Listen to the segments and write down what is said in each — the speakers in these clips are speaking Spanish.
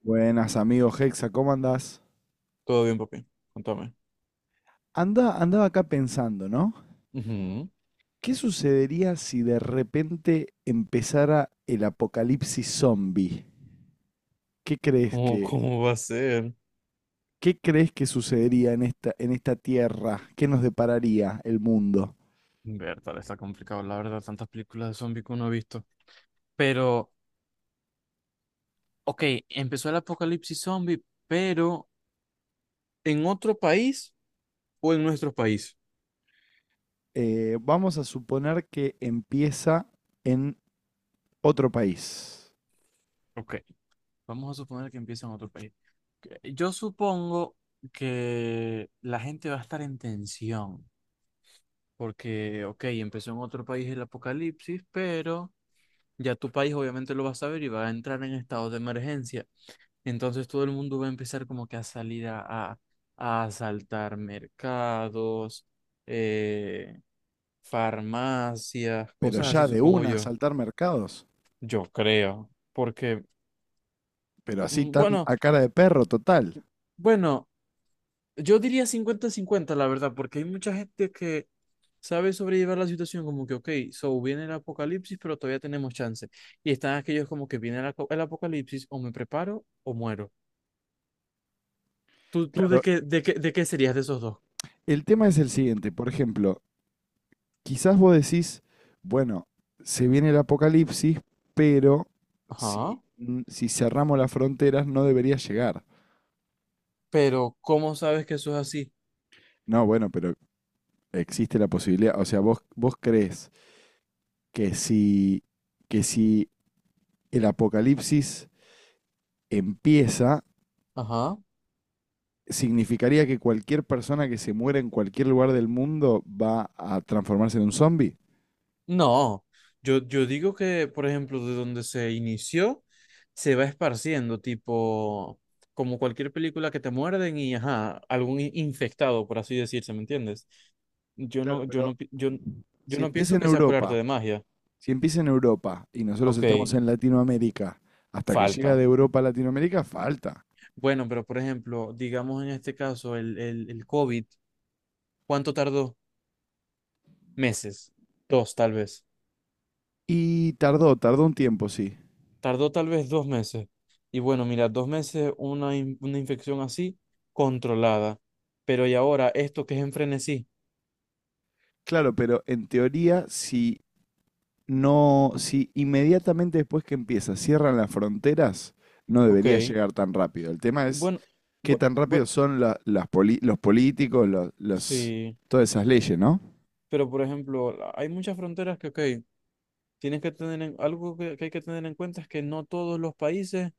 Buenas amigos Hexa, ¿cómo andás? Todo bien, papi. Contame. Andaba acá pensando, ¿no? Ujú. ¿Qué sucedería si de repente empezara el apocalipsis zombie? ¿Qué crees ¿Cómo, que, cómo va a ser? ¿Qué crees que sucedería en esta tierra? ¿Qué nos depararía el mundo? Bertale, está complicado, la verdad, tantas películas de zombie que uno ha visto. Pero, ok, empezó el apocalipsis zombie, pero ¿en otro país o en nuestro país? Vamos a suponer que empieza en otro país, Ok, vamos a suponer que empieza en otro país. Yo supongo que la gente va a estar en tensión, porque, ok, empezó en otro país el apocalipsis, pero ya tu país obviamente lo va a saber y va a entrar en estado de emergencia. Entonces todo el mundo va a empezar como que a salir a, a asaltar mercados, eh, farmacias, pero cosas así, ya de supongo una a yo. saltar mercados, Yo creo, porque, pero así tan bueno, a cara de perro total. bueno, yo diría 50-50, la verdad, porque hay mucha gente que sabe sobrellevar la situación como que, ok, so viene el apocalipsis, pero todavía tenemos chance. Y están aquellos como que viene el apocalipsis, o me preparo o muero. ¿Tú de Claro, qué, de qué, de qué serías de esos dos? el tema es el siguiente, por ejemplo, quizás vos decís, bueno, se viene el apocalipsis, pero Ajá. Si cerramos las fronteras no debería llegar. Pero, ¿cómo sabes que eso es así? No, bueno, pero existe la posibilidad. O sea, vos crees que si, que si el apocalipsis empieza, Ajá. significaría que cualquier persona que se muera en cualquier lugar del mundo va a transformarse en un zombie. No. Yo digo que, por ejemplo, de donde se inició, se va esparciendo, tipo, como cualquier película que te muerden y, ajá, algún infectado, por así decirse, ¿me entiendes? Yo Claro, no, yo pero no, pi- yo, yo si no empieza pienso en que sea por arte Europa de magia. Si empieza en Europa y nosotros Ok, estamos en Latinoamérica, hasta que llega falta. de Europa a Latinoamérica, falta. Bueno, pero por ejemplo, digamos en este caso, el COVID, ¿cuánto tardó? Meses, dos tal vez. Y tardó, tardó un tiempo, sí. Tardó tal vez 2 meses. Y bueno, mira, 2 meses una infección así, controlada. Pero y ahora, esto que es en frenesí. Claro, pero en teoría, no, si inmediatamente después que empieza cierran las fronteras, no Ok. debería llegar tan rápido. El tema es Bueno, qué bu- tan bu- rápido son los políticos, los sí. todas esas leyes, ¿no? Pero por ejemplo, hay muchas fronteras que, ok, tienes que tener algo que hay que tener en cuenta es que no todos los países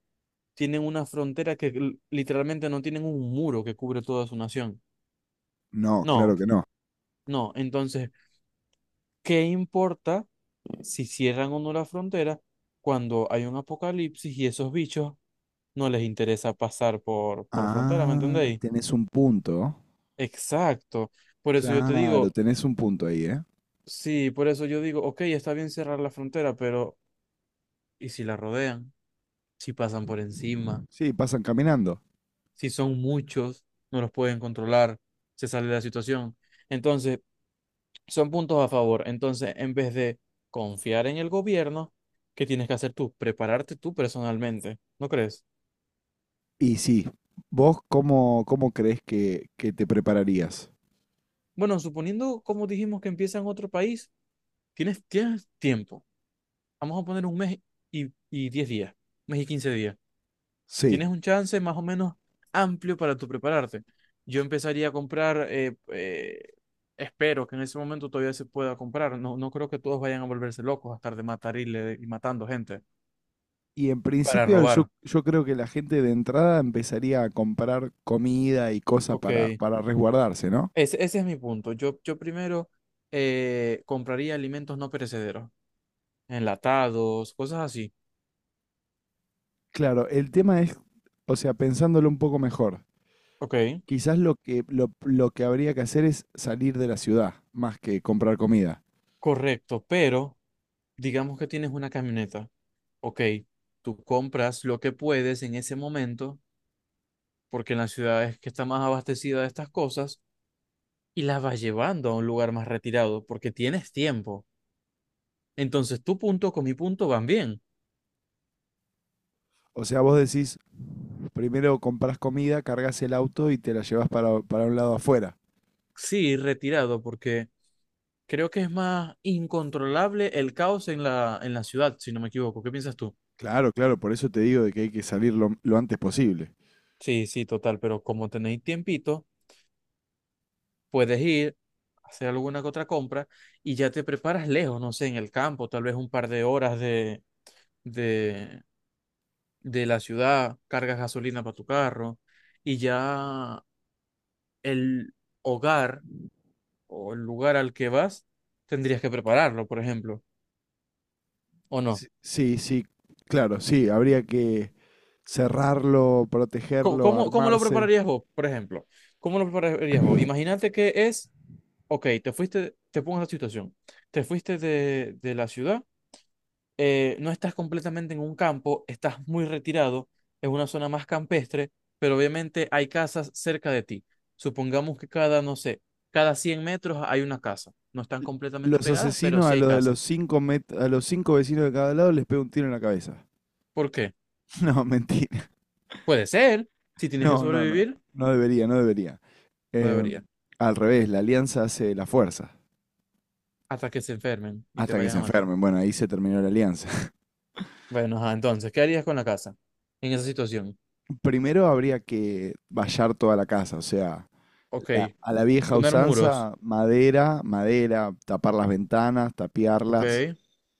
tienen una frontera que literalmente no tienen un muro que cubre toda su nación. No, No, claro que no. no. Entonces, ¿qué importa si cierran o no la frontera cuando hay un apocalipsis y esos bichos no les interesa pasar por frontera? ¿Me Ah, entendéis? tenés un punto. Exacto. Por eso yo te Claro, digo, tenés un punto ahí, ¿eh? sí, por eso yo digo, ok, está bien cerrar la frontera, pero ¿y si la rodean? Si pasan por encima, Sí, pasan caminando. si son muchos, no los pueden controlar, se sale de la situación. Entonces, son puntos a favor. Entonces, en vez de confiar en el gobierno, ¿qué tienes que hacer tú? Prepararte tú personalmente, ¿no crees? Y sí, ¿vos cómo crees que te prepararías? Bueno, suponiendo, como dijimos, que empieza en otro país, tienes tiempo. Vamos a poner un mes y 10 días, un mes y 15 días. Sí. Tienes un chance más o menos amplio para tú prepararte. Yo empezaría a comprar, espero que en ese momento todavía se pueda comprar. No, no creo que todos vayan a volverse locos a estar de matarile y matando gente Y en para principio yo, robar. yo creo que la gente de entrada empezaría a comprar comida y cosas Ok. para resguardarse, ¿no? Ese es mi punto. Yo primero compraría alimentos no perecederos, enlatados, cosas así. Claro, el tema es, o sea, pensándolo un poco mejor, Ok, quizás lo que habría que hacer es salir de la ciudad más que comprar comida. correcto, pero digamos que tienes una camioneta. Ok, tú compras lo que puedes en ese momento, porque en las ciudades que está más abastecida de estas cosas, y las vas llevando a un lugar más retirado, porque tienes tiempo. Entonces, tu punto con mi punto van bien. O sea, vos decís, primero compras comida, cargas el auto y te la llevas para un lado afuera. Sí, retirado, porque creo que es más incontrolable el caos en la ciudad, si no me equivoco. ¿Qué piensas tú? Claro, claro, por eso te digo de que hay que salir lo antes posible. Sí, sí, total, pero como tenéis tiempito, puedes ir, hacer alguna que otra compra y ya te preparas lejos, no sé, en el campo, tal vez un par de horas de, de la ciudad, cargas gasolina para tu carro y ya el hogar o el lugar al que vas tendrías que prepararlo, por ejemplo, ¿o no? Sí, sí, sí, claro, sí, habría que cerrarlo, ¿Cómo, protegerlo, cómo, cómo lo armarse. prepararías vos, por ejemplo? ¿Cómo lo prepararías vos? Imagínate que es ok, te fuiste, te pongo la situación. Te fuiste de la ciudad, no estás completamente en un campo, estás muy retirado, es una zona más campestre, pero obviamente hay casas cerca de ti. Supongamos que cada, no sé, cada 100 metros hay una casa. No están L- completamente Los pegadas, pero asesinos a sí hay los de los casas. cinco met- a los cinco vecinos de cada lado les pega un tiro en la cabeza. ¿Por qué? No, mentira. Puede ser, si tienes que No, no, no. sobrevivir, No debería, no debería. no Em, debería, Al revés, la alianza hace la fuerza. hasta que se enfermen y te Hasta que vayan se a matar. enfermen. Bueno, ahí se terminó la alianza. Bueno, ajá, entonces, ¿qué harías con la casa en esa situación? Primero habría que vallar toda la casa, o sea, Ok, a la vieja poner muros. usanza, madera, madera, tapar las ventanas, Ok, tapiarlas.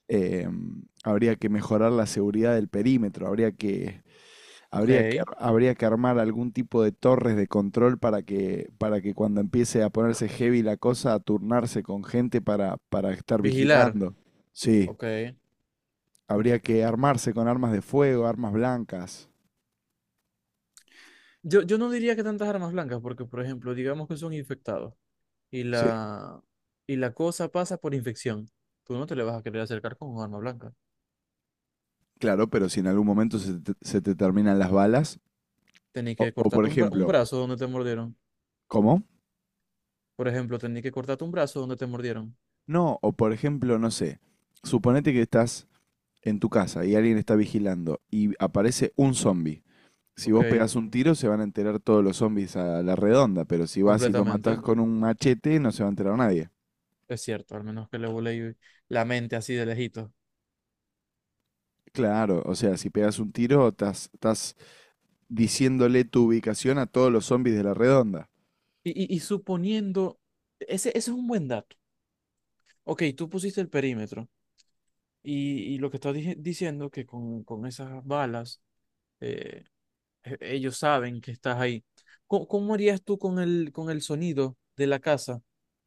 Eh, habría que mejorar la seguridad del perímetro, habría que, ok. habría que, ar- habría que armar algún tipo de torres de control para que cuando empiece a ponerse heavy la cosa, a turnarse con gente para estar Vigilar. vigilando. Sí, Ok, habría que armarse con armas de fuego, armas blancas. yo no diría que tantas armas blancas, porque, por ejemplo, digamos que son infectados y Sí, la, y la cosa pasa por infección. Tú no te le vas a querer acercar con un arma blanca. claro, pero si en algún momento se te terminan las balas, Tenés o, que o por cortarte un ejemplo, brazo donde te mordieron. ¿cómo? Por ejemplo, tenés que cortarte un brazo donde te mordieron. No, o por ejemplo, no sé, suponete que estás en tu casa y alguien está vigilando y aparece un zombie, si Ok, vos pegás un tiro se van a enterar todos los zombies a la redonda, pero si vas y lo matás completamente. con un machete no se va a enterar nadie. Es cierto, al menos que le volé la mente así de lejito. Claro, o sea, si pegas un tiro estás diciéndole tu ubicación a todos los zombies de la redonda. Y suponiendo, ese es un buen dato. Ok, tú pusiste el perímetro y lo que estás diciendo que con esas balas... eh, Ellos saben que estás ahí. ¿Cómo harías tú con el sonido de la casa?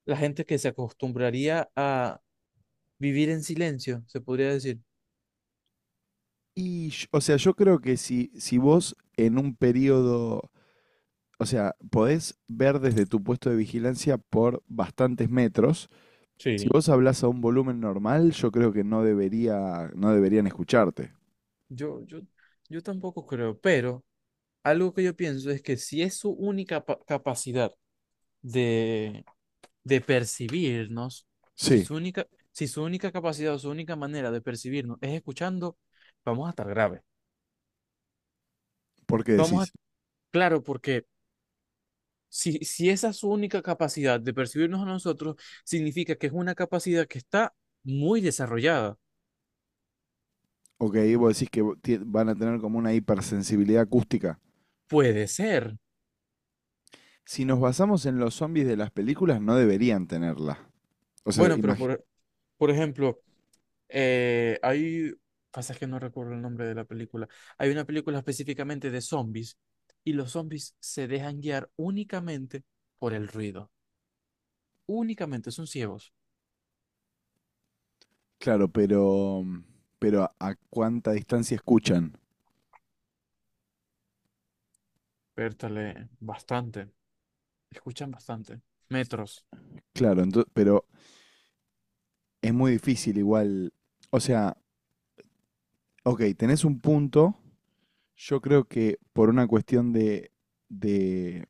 La gente que se acostumbraría a vivir en silencio, se podría decir. O sea, yo creo que si vos en un periodo, o sea, podés ver desde tu puesto de vigilancia por bastantes metros, si Sí. vos hablas a un volumen normal, yo creo que no debería, no deberían escucharte. Yo, yo, yo tampoco creo, pero algo que yo pienso es que si es su única capacidad de, de percibirnos, si Sí, su única, si su única capacidad o su única manera de percibirnos es escuchando, vamos a estar grave. ¿por qué Vamos a, decís? claro, porque si esa es su única capacidad de percibirnos a nosotros, significa que es una capacidad que está muy desarrollada. Ok, vos decís que van a tener como una hipersensibilidad acústica. Puede ser. Si nos basamos en los zombies de las películas, no deberían tenerla. O sea, Bueno, pero por ejemplo, eh, hay, pasa que no recuerdo el nombre de la película, hay una película específicamente de zombies y los zombies se dejan guiar únicamente por el ruido. Únicamente son ciegos. claro, pero a cuánta distancia escuchan. Pértale, bastante. Escuchan bastante. Metros. Claro, pero es muy difícil igual. O sea, ok, tenés un punto. Yo creo que por una cuestión de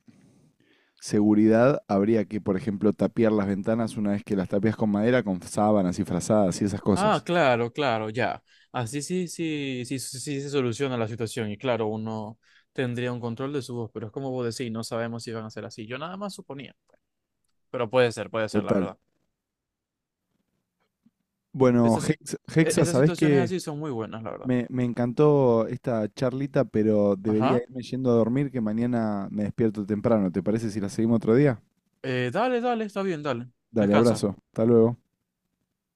seguridad habría que, por ejemplo, tapiar las ventanas una vez que las tapias con madera, con sábanas y frazadas y esas Ah, cosas. claro, claro, ya. Así sí, sí, sí, sí, sí se soluciona la situación y claro, uno tendría un control de su voz, pero es como vos decís, no sabemos si van a ser así. Yo nada más suponía, pero puede ser, la Total. verdad. Bueno, Esas, sit- e- Hexa, esas ¿sabés situaciones qué? así son muy buenas, la verdad. Me encantó esta charlita, pero debería Ajá. irme yendo a dormir, que mañana me despierto temprano. ¿Te parece si la seguimos otro día? Dale, dale, está bien, dale. Dale, Descansa. abrazo. Hasta luego.